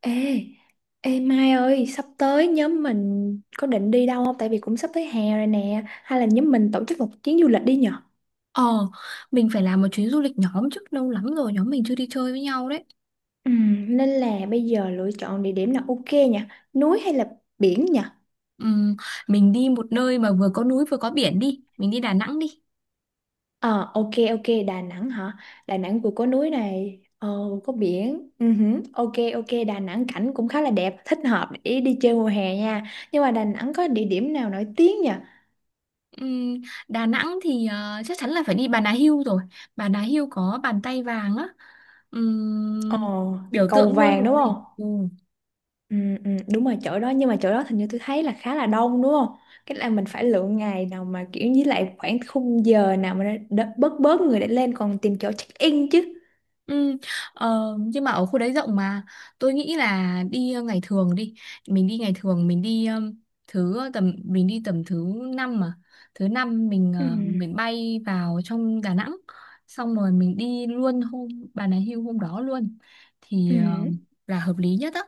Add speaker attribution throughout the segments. Speaker 1: Ê, ê Mai ơi, sắp tới nhóm mình có định đi đâu không? Tại vì cũng sắp tới hè rồi nè. Hay là nhóm mình tổ chức một chuyến du lịch đi nhở?
Speaker 2: Ờ, mình phải làm một chuyến du lịch nhóm chứ lâu lắm rồi nhóm mình chưa đi chơi với nhau đấy.
Speaker 1: Ừ, nên là bây giờ lựa chọn địa điểm là ok nhỉ? Núi hay là biển nhỉ?
Speaker 2: Ừm, mình đi một nơi mà vừa có núi vừa có biển đi, mình đi.
Speaker 1: Ờ, ok, ok, Đà Nẵng hả? Đà Nẵng vừa có núi này, có biển. Ừ, hử, ok, ok, Đà Nẵng cảnh cũng khá là đẹp, thích hợp để đi chơi mùa hè nha. Nhưng mà Đà Nẵng có địa điểm nào nổi tiếng nhỉ?
Speaker 2: Ừm, Đà Nẵng thì chắc chắn là phải đi Bà Nà Hưu rồi. Bà Nà Hưu có bàn tay vàng á,
Speaker 1: Ờ,
Speaker 2: Ừm, biểu
Speaker 1: cầu
Speaker 2: tượng luôn
Speaker 1: vàng đúng
Speaker 2: rồi.
Speaker 1: không?
Speaker 2: Ừ.
Speaker 1: Ừ, ừ, đúng rồi chỗ đó nhưng mà chỗ đó hình như tôi thấy là khá là đông đúng không? Cái là mình phải lựa ngày nào mà kiểu với lại khoảng khung giờ nào mà nó bớt bớt người để lên còn tìm chỗ check in chứ.
Speaker 2: Ừ, ờ, nhưng mà ở khu đấy rộng mà tôi nghĩ là đi, ngày thường đi, mình đi ngày thường, mình đi tầm mình đi tầm thứ năm mà, thứ năm mình
Speaker 1: Ừ.
Speaker 2: ờ, mình bay vào trong Đà Nẵng, xong rồi mình đi luôn hôm Bà Nà Hills hôm đó luôn thì
Speaker 1: Ừ.
Speaker 2: là hợp lý nhất á.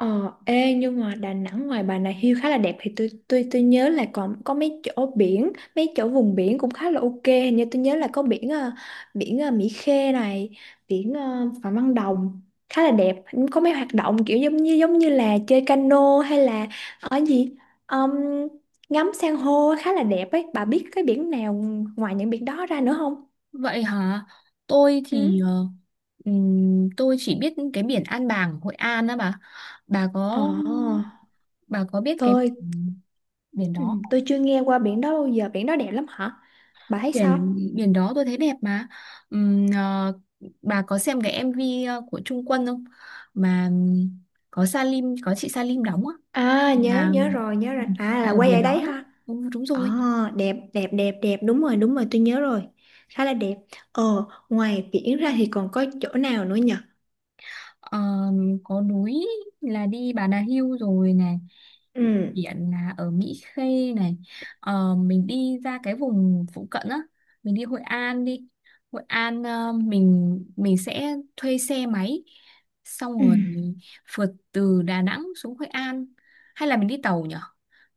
Speaker 1: Ờ, ê, nhưng mà Đà Nẵng ngoài Bà Nà Hills khá là đẹp thì tôi nhớ là còn có mấy chỗ biển, mấy chỗ vùng biển cũng khá là ok. Hình như tôi nhớ là có biển biển Mỹ Khê này, biển Phạm Văn Đồng khá là đẹp. Có mấy hoạt động kiểu giống như là chơi cano hay là ở gì. Ờm, Ngắm san hô khá là đẹp ấy. Bà biết cái biển nào ngoài những biển đó ra nữa không?
Speaker 2: Vậy hả, tôi
Speaker 1: Ừ.
Speaker 2: thì tôi chỉ biết cái biển An Bàng Hội An á bà
Speaker 1: Ờ,
Speaker 2: có bà có biết cái
Speaker 1: tôi
Speaker 2: biển
Speaker 1: ừ,
Speaker 2: đó
Speaker 1: tôi chưa nghe qua biển đó bao giờ. Biển đó đẹp lắm hả? Bà thấy sao?
Speaker 2: biển biển đó tôi thấy đẹp mà. Ừm, ờ, bà có xem cái MV của Trung Quân không, mà có chị Salim đóng á.
Speaker 1: À, nhớ
Speaker 2: Là,
Speaker 1: nhớ rồi, nhớ rồi, à là
Speaker 2: ở
Speaker 1: quay
Speaker 2: biển
Speaker 1: ở
Speaker 2: đó
Speaker 1: đấy
Speaker 2: đó,
Speaker 1: ha.
Speaker 2: ừ, đúng
Speaker 1: Ờ,
Speaker 2: rồi.
Speaker 1: đẹp đẹp đẹp đẹp, đúng rồi đúng rồi, tôi nhớ rồi, khá là đẹp. ờ Ngoài biển ra thì còn có chỗ nào nữa nhỉ?
Speaker 2: Ờ, có núi là đi Bà Nà Hills rồi này, đi
Speaker 1: ừ
Speaker 2: biển là ở Mỹ Khê này. Ờ, mình đi ra cái vùng phụ cận á, mình đi Hội An đi. Hội An mình sẽ thuê xe máy, xong
Speaker 1: ừ
Speaker 2: rồi phượt từ Đà Nẵng xuống Hội An, hay là mình đi tàu nhở?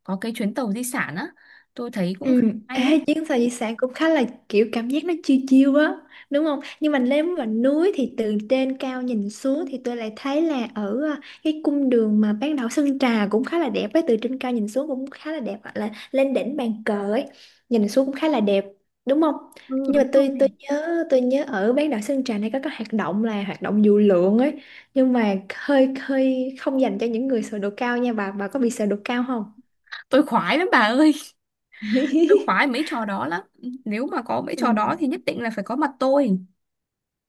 Speaker 2: Có cái chuyến tàu di sản á, tôi thấy cũng
Speaker 1: Ừ,
Speaker 2: khá hay
Speaker 1: ê,
Speaker 2: đấy.
Speaker 1: chuyến sao di sản cũng khá là kiểu cảm giác nó chiêu chiêu á, đúng không? Nhưng mà nếu mà núi thì từ trên cao nhìn xuống thì tôi lại thấy là ở à, cái cung đường mà bán đảo Sơn Trà cũng khá là đẹp ấy, từ trên cao nhìn xuống cũng khá là đẹp hoặc là lên đỉnh bàn cờ ấy, nhìn xuống cũng khá là đẹp, đúng không?
Speaker 2: Ừ,
Speaker 1: Nhưng
Speaker 2: đúng
Speaker 1: mà tôi
Speaker 2: rồi.
Speaker 1: nhớ, nhớ ở bán đảo Sơn Trà này có cái hoạt động là hoạt động dù lượn ấy, nhưng mà hơi hơi không dành cho những người sợ độ cao nha bà có bị sợ độ cao không?
Speaker 2: Tôi khoái lắm bà ơi, tôi khoái mấy trò đó lắm, nếu mà có mấy
Speaker 1: Ừ.
Speaker 2: trò đó thì nhất định là phải có mặt tôi.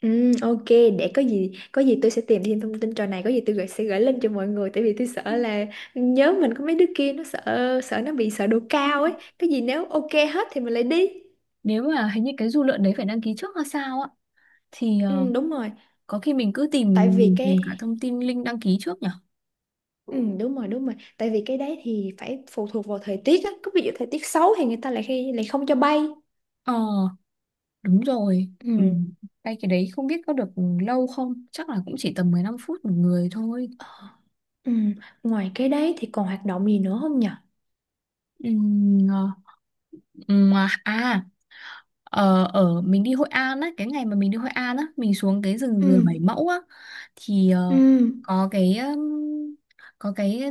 Speaker 1: Ừ, ok, để có gì tôi sẽ tìm thêm thông tin trò này, có gì tôi sẽ gửi lên cho mọi người, tại vì tôi sợ là nhớ mình có mấy đứa kia nó sợ sợ nó bị sợ độ
Speaker 2: Ờ,
Speaker 1: cao ấy. Cái gì nếu ok hết thì mình lại đi.
Speaker 2: nếu mà hình như cái du lượn đấy phải đăng ký trước hay sao á, thì
Speaker 1: Ừ, đúng rồi
Speaker 2: có khi mình cứ tìm,
Speaker 1: tại vì
Speaker 2: mình tìm cả
Speaker 1: cái
Speaker 2: thông tin link đăng ký trước nhỉ?
Speaker 1: ừ, đúng rồi tại vì cái đấy thì phải phụ thuộc vào thời tiết á, có ví dụ thời tiết xấu thì người ta lại khi lại không cho bay.
Speaker 2: Ờ, đúng rồi. Ừ.
Speaker 1: Ừ,
Speaker 2: Đây, cái đấy không biết có được lâu không, chắc là cũng chỉ tầm 15 phút một người thôi.
Speaker 1: ừ. Ngoài cái đấy thì còn hoạt động gì nữa không nhỉ?
Speaker 2: Ừ. Ờ. Ừ. À, à. Ờ, ở mình đi Hội An á, cái ngày mà mình đi Hội An á mình xuống cái rừng dừa
Speaker 1: Ừ,
Speaker 2: Bảy Mẫu á, thì
Speaker 1: ừ,
Speaker 2: có cái um, có cái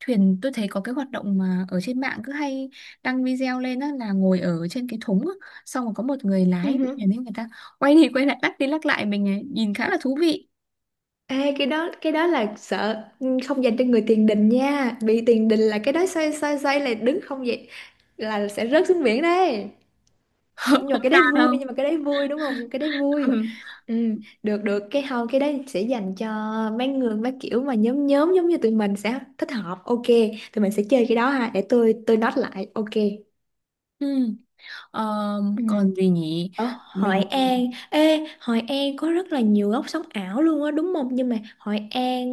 Speaker 2: thuyền, tôi thấy có cái hoạt động mà ở trên mạng cứ hay đăng video lên á, là ngồi ở trên cái thúng á, xong rồi có một người lái
Speaker 1: ừ.
Speaker 2: thuyền ấy, người ta quay đi quay lại, lắc đi lắc lại mình ấy, nhìn khá là thú vị.
Speaker 1: Ê, cái đó là sợ, không dành cho người tiền đình nha, bị tiền đình là cái đó xoay xoay xoay là đứng không vậy là sẽ rớt xuống biển đấy. Nhưng mà
Speaker 2: Không
Speaker 1: cái
Speaker 2: sao
Speaker 1: đấy vui,
Speaker 2: đâu,
Speaker 1: nhưng mà cái đấy vui đúng không, nhưng cái đấy vui.
Speaker 2: ừ.
Speaker 1: Ừ, được được, cái không cái đấy sẽ dành cho mấy người mấy kiểu mà nhóm nhóm giống như tụi mình sẽ thích hợp, ok, tụi mình sẽ chơi cái đó ha, để tôi note lại, ok.
Speaker 2: Ừ. Ờ,
Speaker 1: Ừ.
Speaker 2: còn gì nhỉ?
Speaker 1: Ở
Speaker 2: Mình
Speaker 1: Hội An, ê, Hội An có rất là nhiều góc sống ảo luôn á đúng không, nhưng mà Hội An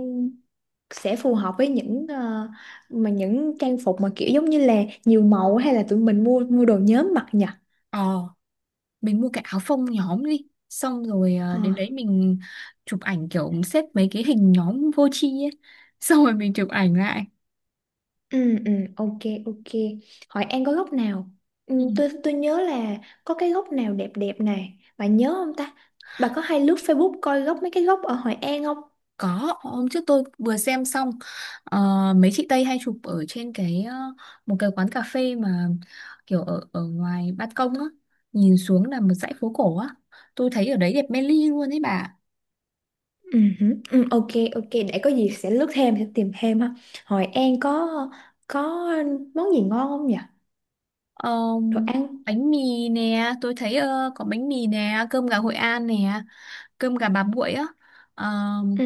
Speaker 1: sẽ phù hợp với những mà những trang phục mà kiểu giống như là nhiều màu, hay là tụi mình mua mua đồ nhóm mặc nhỉ?
Speaker 2: ờ mua cái áo phông nhóm đi, xong rồi à,
Speaker 1: Ờ.
Speaker 2: đến đấy mình chụp ảnh kiểu xếp mấy cái hình nhóm vô tri ấy, xong rồi mình chụp ảnh lại,
Speaker 1: Ừ ừ ok ok. Hội An có góc nào? Ừ,
Speaker 2: ừ.
Speaker 1: tôi nhớ là có cái góc nào đẹp đẹp này. Bà nhớ không ta? Bà có hay lướt Facebook coi góc mấy cái góc ở Hội An không?
Speaker 2: Có hôm trước tôi vừa xem xong, ờ, mấy chị Tây hay chụp ở trên một cái quán cà phê mà kiểu ở ở ngoài ban công á, nhìn xuống là một dãy phố cổ á, tôi thấy ở đấy đẹp mê ly luôn ấy bà.
Speaker 1: Ừ, hử, ừ, ok, ok, để có gì sẽ lướt thêm, sẽ tìm thêm ha. Hội An có có món gì ngon không nhỉ?
Speaker 2: Ờ,
Speaker 1: Đồ ăn.
Speaker 2: bánh mì nè, tôi thấy có bánh mì nè, cơm gà Hội An nè, cơm gà bà Bụi á. Ờ,
Speaker 1: Ừ.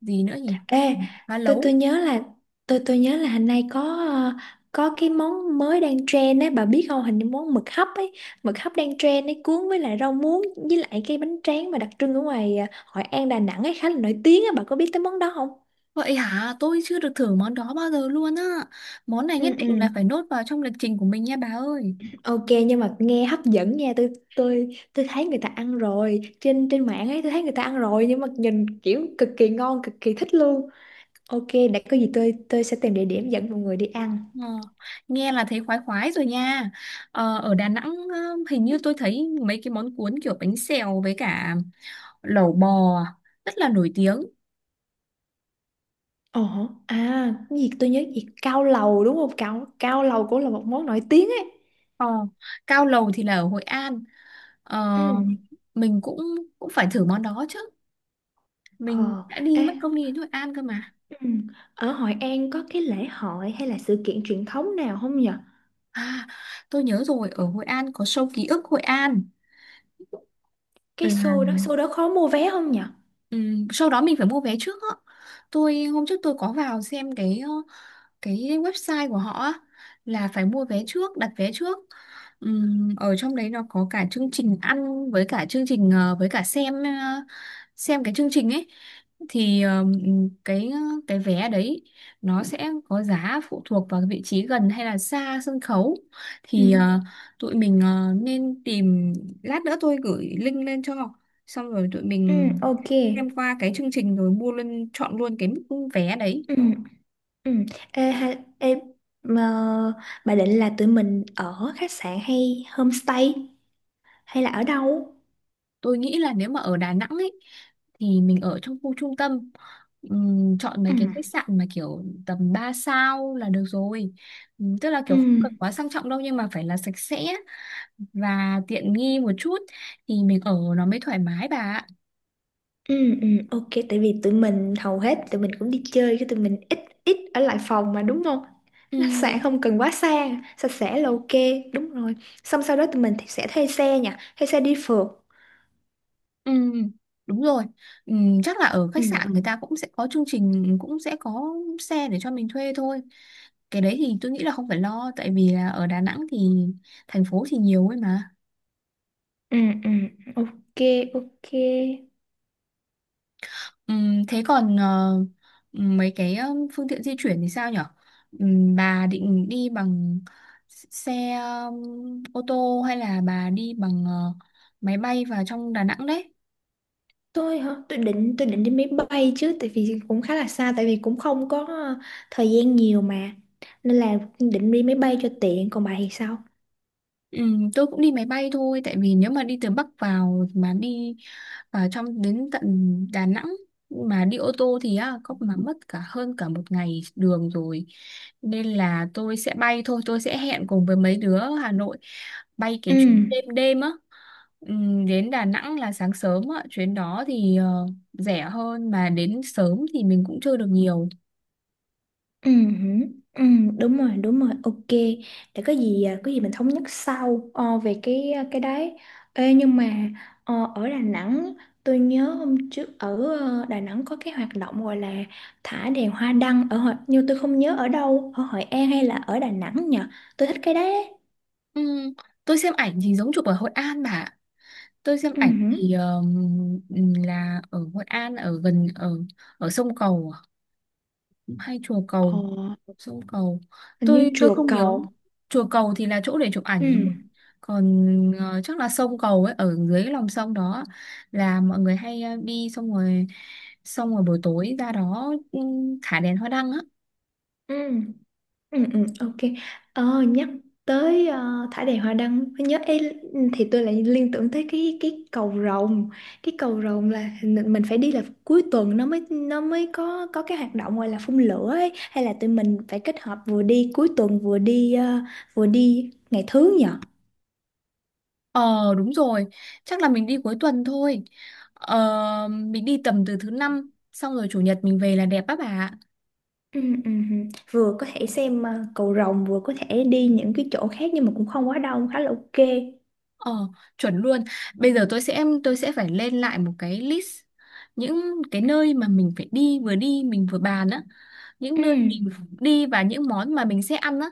Speaker 2: gì nữa nhỉ?
Speaker 1: Ê,
Speaker 2: Má
Speaker 1: tôi
Speaker 2: lấu.
Speaker 1: tôi nhớ là tôi nhớ là hình nay có ờ, có cái món mới đang trend ấy, bà biết không? Hình như món mực hấp ấy, mực hấp đang trend ấy cuốn với lại rau muống với lại cái bánh tráng mà đặc trưng ở ngoài Hội An Đà Nẵng ấy khá là nổi tiếng á, bà có biết tới món đó không?
Speaker 2: Vậy hả, tôi chưa được thử món đó bao giờ luôn á. Món này
Speaker 1: Ừ
Speaker 2: nhất định
Speaker 1: ừ.
Speaker 2: là phải nốt vào trong lịch trình của mình nha bà ơi.
Speaker 1: Ok nhưng mà nghe hấp dẫn nha, tôi thấy người ta ăn rồi, trên trên mạng ấy tôi thấy người ta ăn rồi nhưng mà nhìn kiểu cực kỳ ngon, cực kỳ thích luôn. Ok, để có gì tôi sẽ tìm địa điểm dẫn mọi người đi ăn.
Speaker 2: Ờ, nghe là thấy khoái khoái rồi nha. Ở Đà Nẵng hình như tôi thấy mấy cái món cuốn kiểu bánh xèo với cả lẩu bò rất là nổi tiếng.
Speaker 1: Ồ, à, cái gì tôi nhớ gì, cao lầu đúng không? Cao cao lầu cũng là một món nổi tiếng ấy.
Speaker 2: Ờ, Cao lầu thì là ở Hội An, ờ,
Speaker 1: Ừ.
Speaker 2: mình cũng cũng phải thử món đó chứ, mình
Speaker 1: Ờ,
Speaker 2: đã đi
Speaker 1: ê,
Speaker 2: mất công đi đến Hội An cơ mà.
Speaker 1: ừ. Ở Hội An có cái lễ hội hay là sự kiện truyền thống nào không nhở?
Speaker 2: À, tôi nhớ rồi, ở Hội An có show ký ức Hội An.
Speaker 1: Cái
Speaker 2: là
Speaker 1: show đó khó mua vé không nhở?
Speaker 2: ừm, sau đó mình phải mua vé trước á. Tôi hôm trước tôi có vào xem cái website của họ á, là phải mua vé trước, đặt vé trước. Ở trong đấy nó có cả chương trình ăn với cả chương trình với cả xem cái chương trình ấy. Thì cái cái vé đấy nó sẽ có giá phụ thuộc vào cái vị trí gần hay là xa sân khấu. Thì
Speaker 1: Ừ.
Speaker 2: tụi mình nên tìm, lát nữa tôi gửi link lên cho, xong rồi tụi
Speaker 1: Ừ,
Speaker 2: mình
Speaker 1: ok.
Speaker 2: xem qua cái chương trình rồi mua luôn, chọn luôn cái mức vé đấy.
Speaker 1: Ừ, ừ. Ê, hay, ê, mà bà định là tụi mình ở khách sạn hay homestay hay là ở đâu?
Speaker 2: Tôi nghĩ là nếu mà ở Đà Nẵng ấy thì mình ở trong khu trung tâm. Chọn mấy
Speaker 1: Ừ.
Speaker 2: cái khách sạn mà kiểu tầm 3 sao là được rồi. Tức là
Speaker 1: Ừ.
Speaker 2: kiểu không cần quá sang trọng đâu nhưng mà phải là sạch sẽ và tiện nghi một chút, thì mình ở nó mới thoải mái bà ạ.
Speaker 1: Ừ, ừ, ok, tại vì tụi mình hầu hết tụi mình cũng đi chơi, cái tụi mình ít ít ở lại phòng mà đúng không? Khách sạn
Speaker 2: Đúng rồi.
Speaker 1: không cần quá xa, sạch sẽ là ok, đúng rồi. Xong sau đó tụi mình thì sẽ thuê xe nha, thuê xe đi phượt.
Speaker 2: Ừm, đúng rồi. Chắc là ở
Speaker 1: Ừ,
Speaker 2: khách sạn người ta cũng sẽ có chương trình, cũng sẽ có xe để cho mình thuê thôi. Cái đấy thì tôi nghĩ là không phải lo, tại vì là ở Đà Nẵng thì thành phố thì nhiều ấy mà.
Speaker 1: ừ, ừ, ok, ok.
Speaker 2: Thế còn mấy cái phương tiện di chuyển thì sao nhở? Bà định đi bằng xe ô tô hay là bà đi bằng máy bay vào trong Đà Nẵng đấy?
Speaker 1: Tôi hả? Tôi định đi máy bay chứ, tại vì cũng khá là xa, tại vì cũng không có thời gian nhiều mà, nên là định đi máy bay cho tiện. Còn bà thì sao?
Speaker 2: Ừ, tôi cũng đi máy bay thôi, tại vì nếu mà đi từ Bắc vào mà đi vào trong đến tận Đà Nẵng mà đi ô tô thì á, có mà mất cả hơn cả một ngày đường rồi, nên là tôi sẽ bay thôi, tôi sẽ hẹn cùng với mấy đứa ở Hà Nội bay cái
Speaker 1: Ừ.
Speaker 2: chuyến đêm đêm á. Đến Đà Nẵng là sáng sớm á, chuyến đó thì rẻ hơn, mà đến sớm thì mình cũng chơi được nhiều.
Speaker 1: Ừ, hử, ừ, đúng rồi đúng rồi, ok, để có gì mình thống nhất sau về cái cái đấy. Ê, nhưng mà ở Đà Nẵng tôi nhớ hôm trước ở Đà Nẵng có cái hoạt động gọi là thả đèn hoa đăng ở Hội, nhưng tôi không nhớ ở đâu, ở Hội An hay là ở Đà Nẵng nhỉ, tôi thích cái đấy ấy.
Speaker 2: Ừm, tôi xem ảnh thì giống chụp ở Hội An bà ạ. Tôi xem
Speaker 1: Ừ,
Speaker 2: ảnh
Speaker 1: hử.
Speaker 2: thì là ở Hội An, ở gần ở ở sông Cầu à? Hay chùa
Speaker 1: Ờ,
Speaker 2: Cầu? Sông Cầu,
Speaker 1: hình như
Speaker 2: tôi
Speaker 1: chùa
Speaker 2: không nhớ.
Speaker 1: cầu.
Speaker 2: Chùa Cầu thì là chỗ để chụp
Speaker 1: Ừ,
Speaker 2: ảnh rồi, còn chắc là sông Cầu ấy ở dưới lòng sông đó, là mọi người hay đi, xong rồi buổi tối ra đó, thả đèn hoa đăng á.
Speaker 1: ừ. Ừ, ừ, ok. Ờ, nhắc tới thải đàn hoa đăng mới nhớ ấy, thì tôi lại liên tưởng tới cái cầu rồng. Cái cầu rồng là mình phải đi là cuối tuần, nó mới có cái hoạt động gọi là phun lửa ấy, hay là tụi mình phải kết hợp vừa đi cuối tuần vừa đi vừa đi ngày thứ nhỉ?
Speaker 2: Ờ, đúng rồi, chắc là mình đi cuối tuần thôi, mình đi tầm từ thứ năm xong rồi chủ nhật mình về là đẹp á bà.
Speaker 1: Ừ, ừ, ừ. Vừa có thể xem cầu rồng vừa có thể đi những cái chỗ khác nhưng mà cũng không quá đông, khá là ok.
Speaker 2: Ờ, chuẩn luôn. Bây giờ tôi sẽ phải lên lại một cái list những cái nơi mà mình phải đi, vừa đi mình vừa bàn á, những
Speaker 1: Ừ,
Speaker 2: nơi mình đi và những món mà mình sẽ ăn á.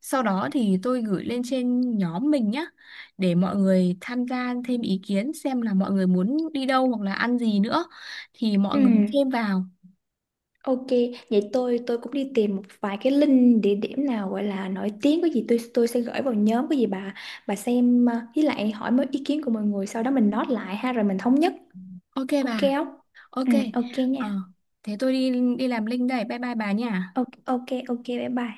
Speaker 2: Sau đó thì tôi gửi lên trên nhóm mình nhá, để mọi người tham gia thêm ý kiến xem là mọi người muốn đi đâu hoặc là ăn gì nữa thì mọi
Speaker 1: ừ.
Speaker 2: người thêm vào.
Speaker 1: Ok, vậy tôi cũng đi tìm một vài cái link địa điểm nào gọi là nổi tiếng, có gì tôi sẽ gửi vào nhóm, có gì bà xem với lại hỏi mấy ý kiến của mọi người sau đó mình note lại ha rồi mình thống nhất.
Speaker 2: Ok
Speaker 1: Ok
Speaker 2: bà.
Speaker 1: không?
Speaker 2: Ok.
Speaker 1: Ừ ok
Speaker 2: Ờ,
Speaker 1: nha.
Speaker 2: thế tôi đi đi làm link đây. Bye bye bà nha.
Speaker 1: Ok ok ok bye bye.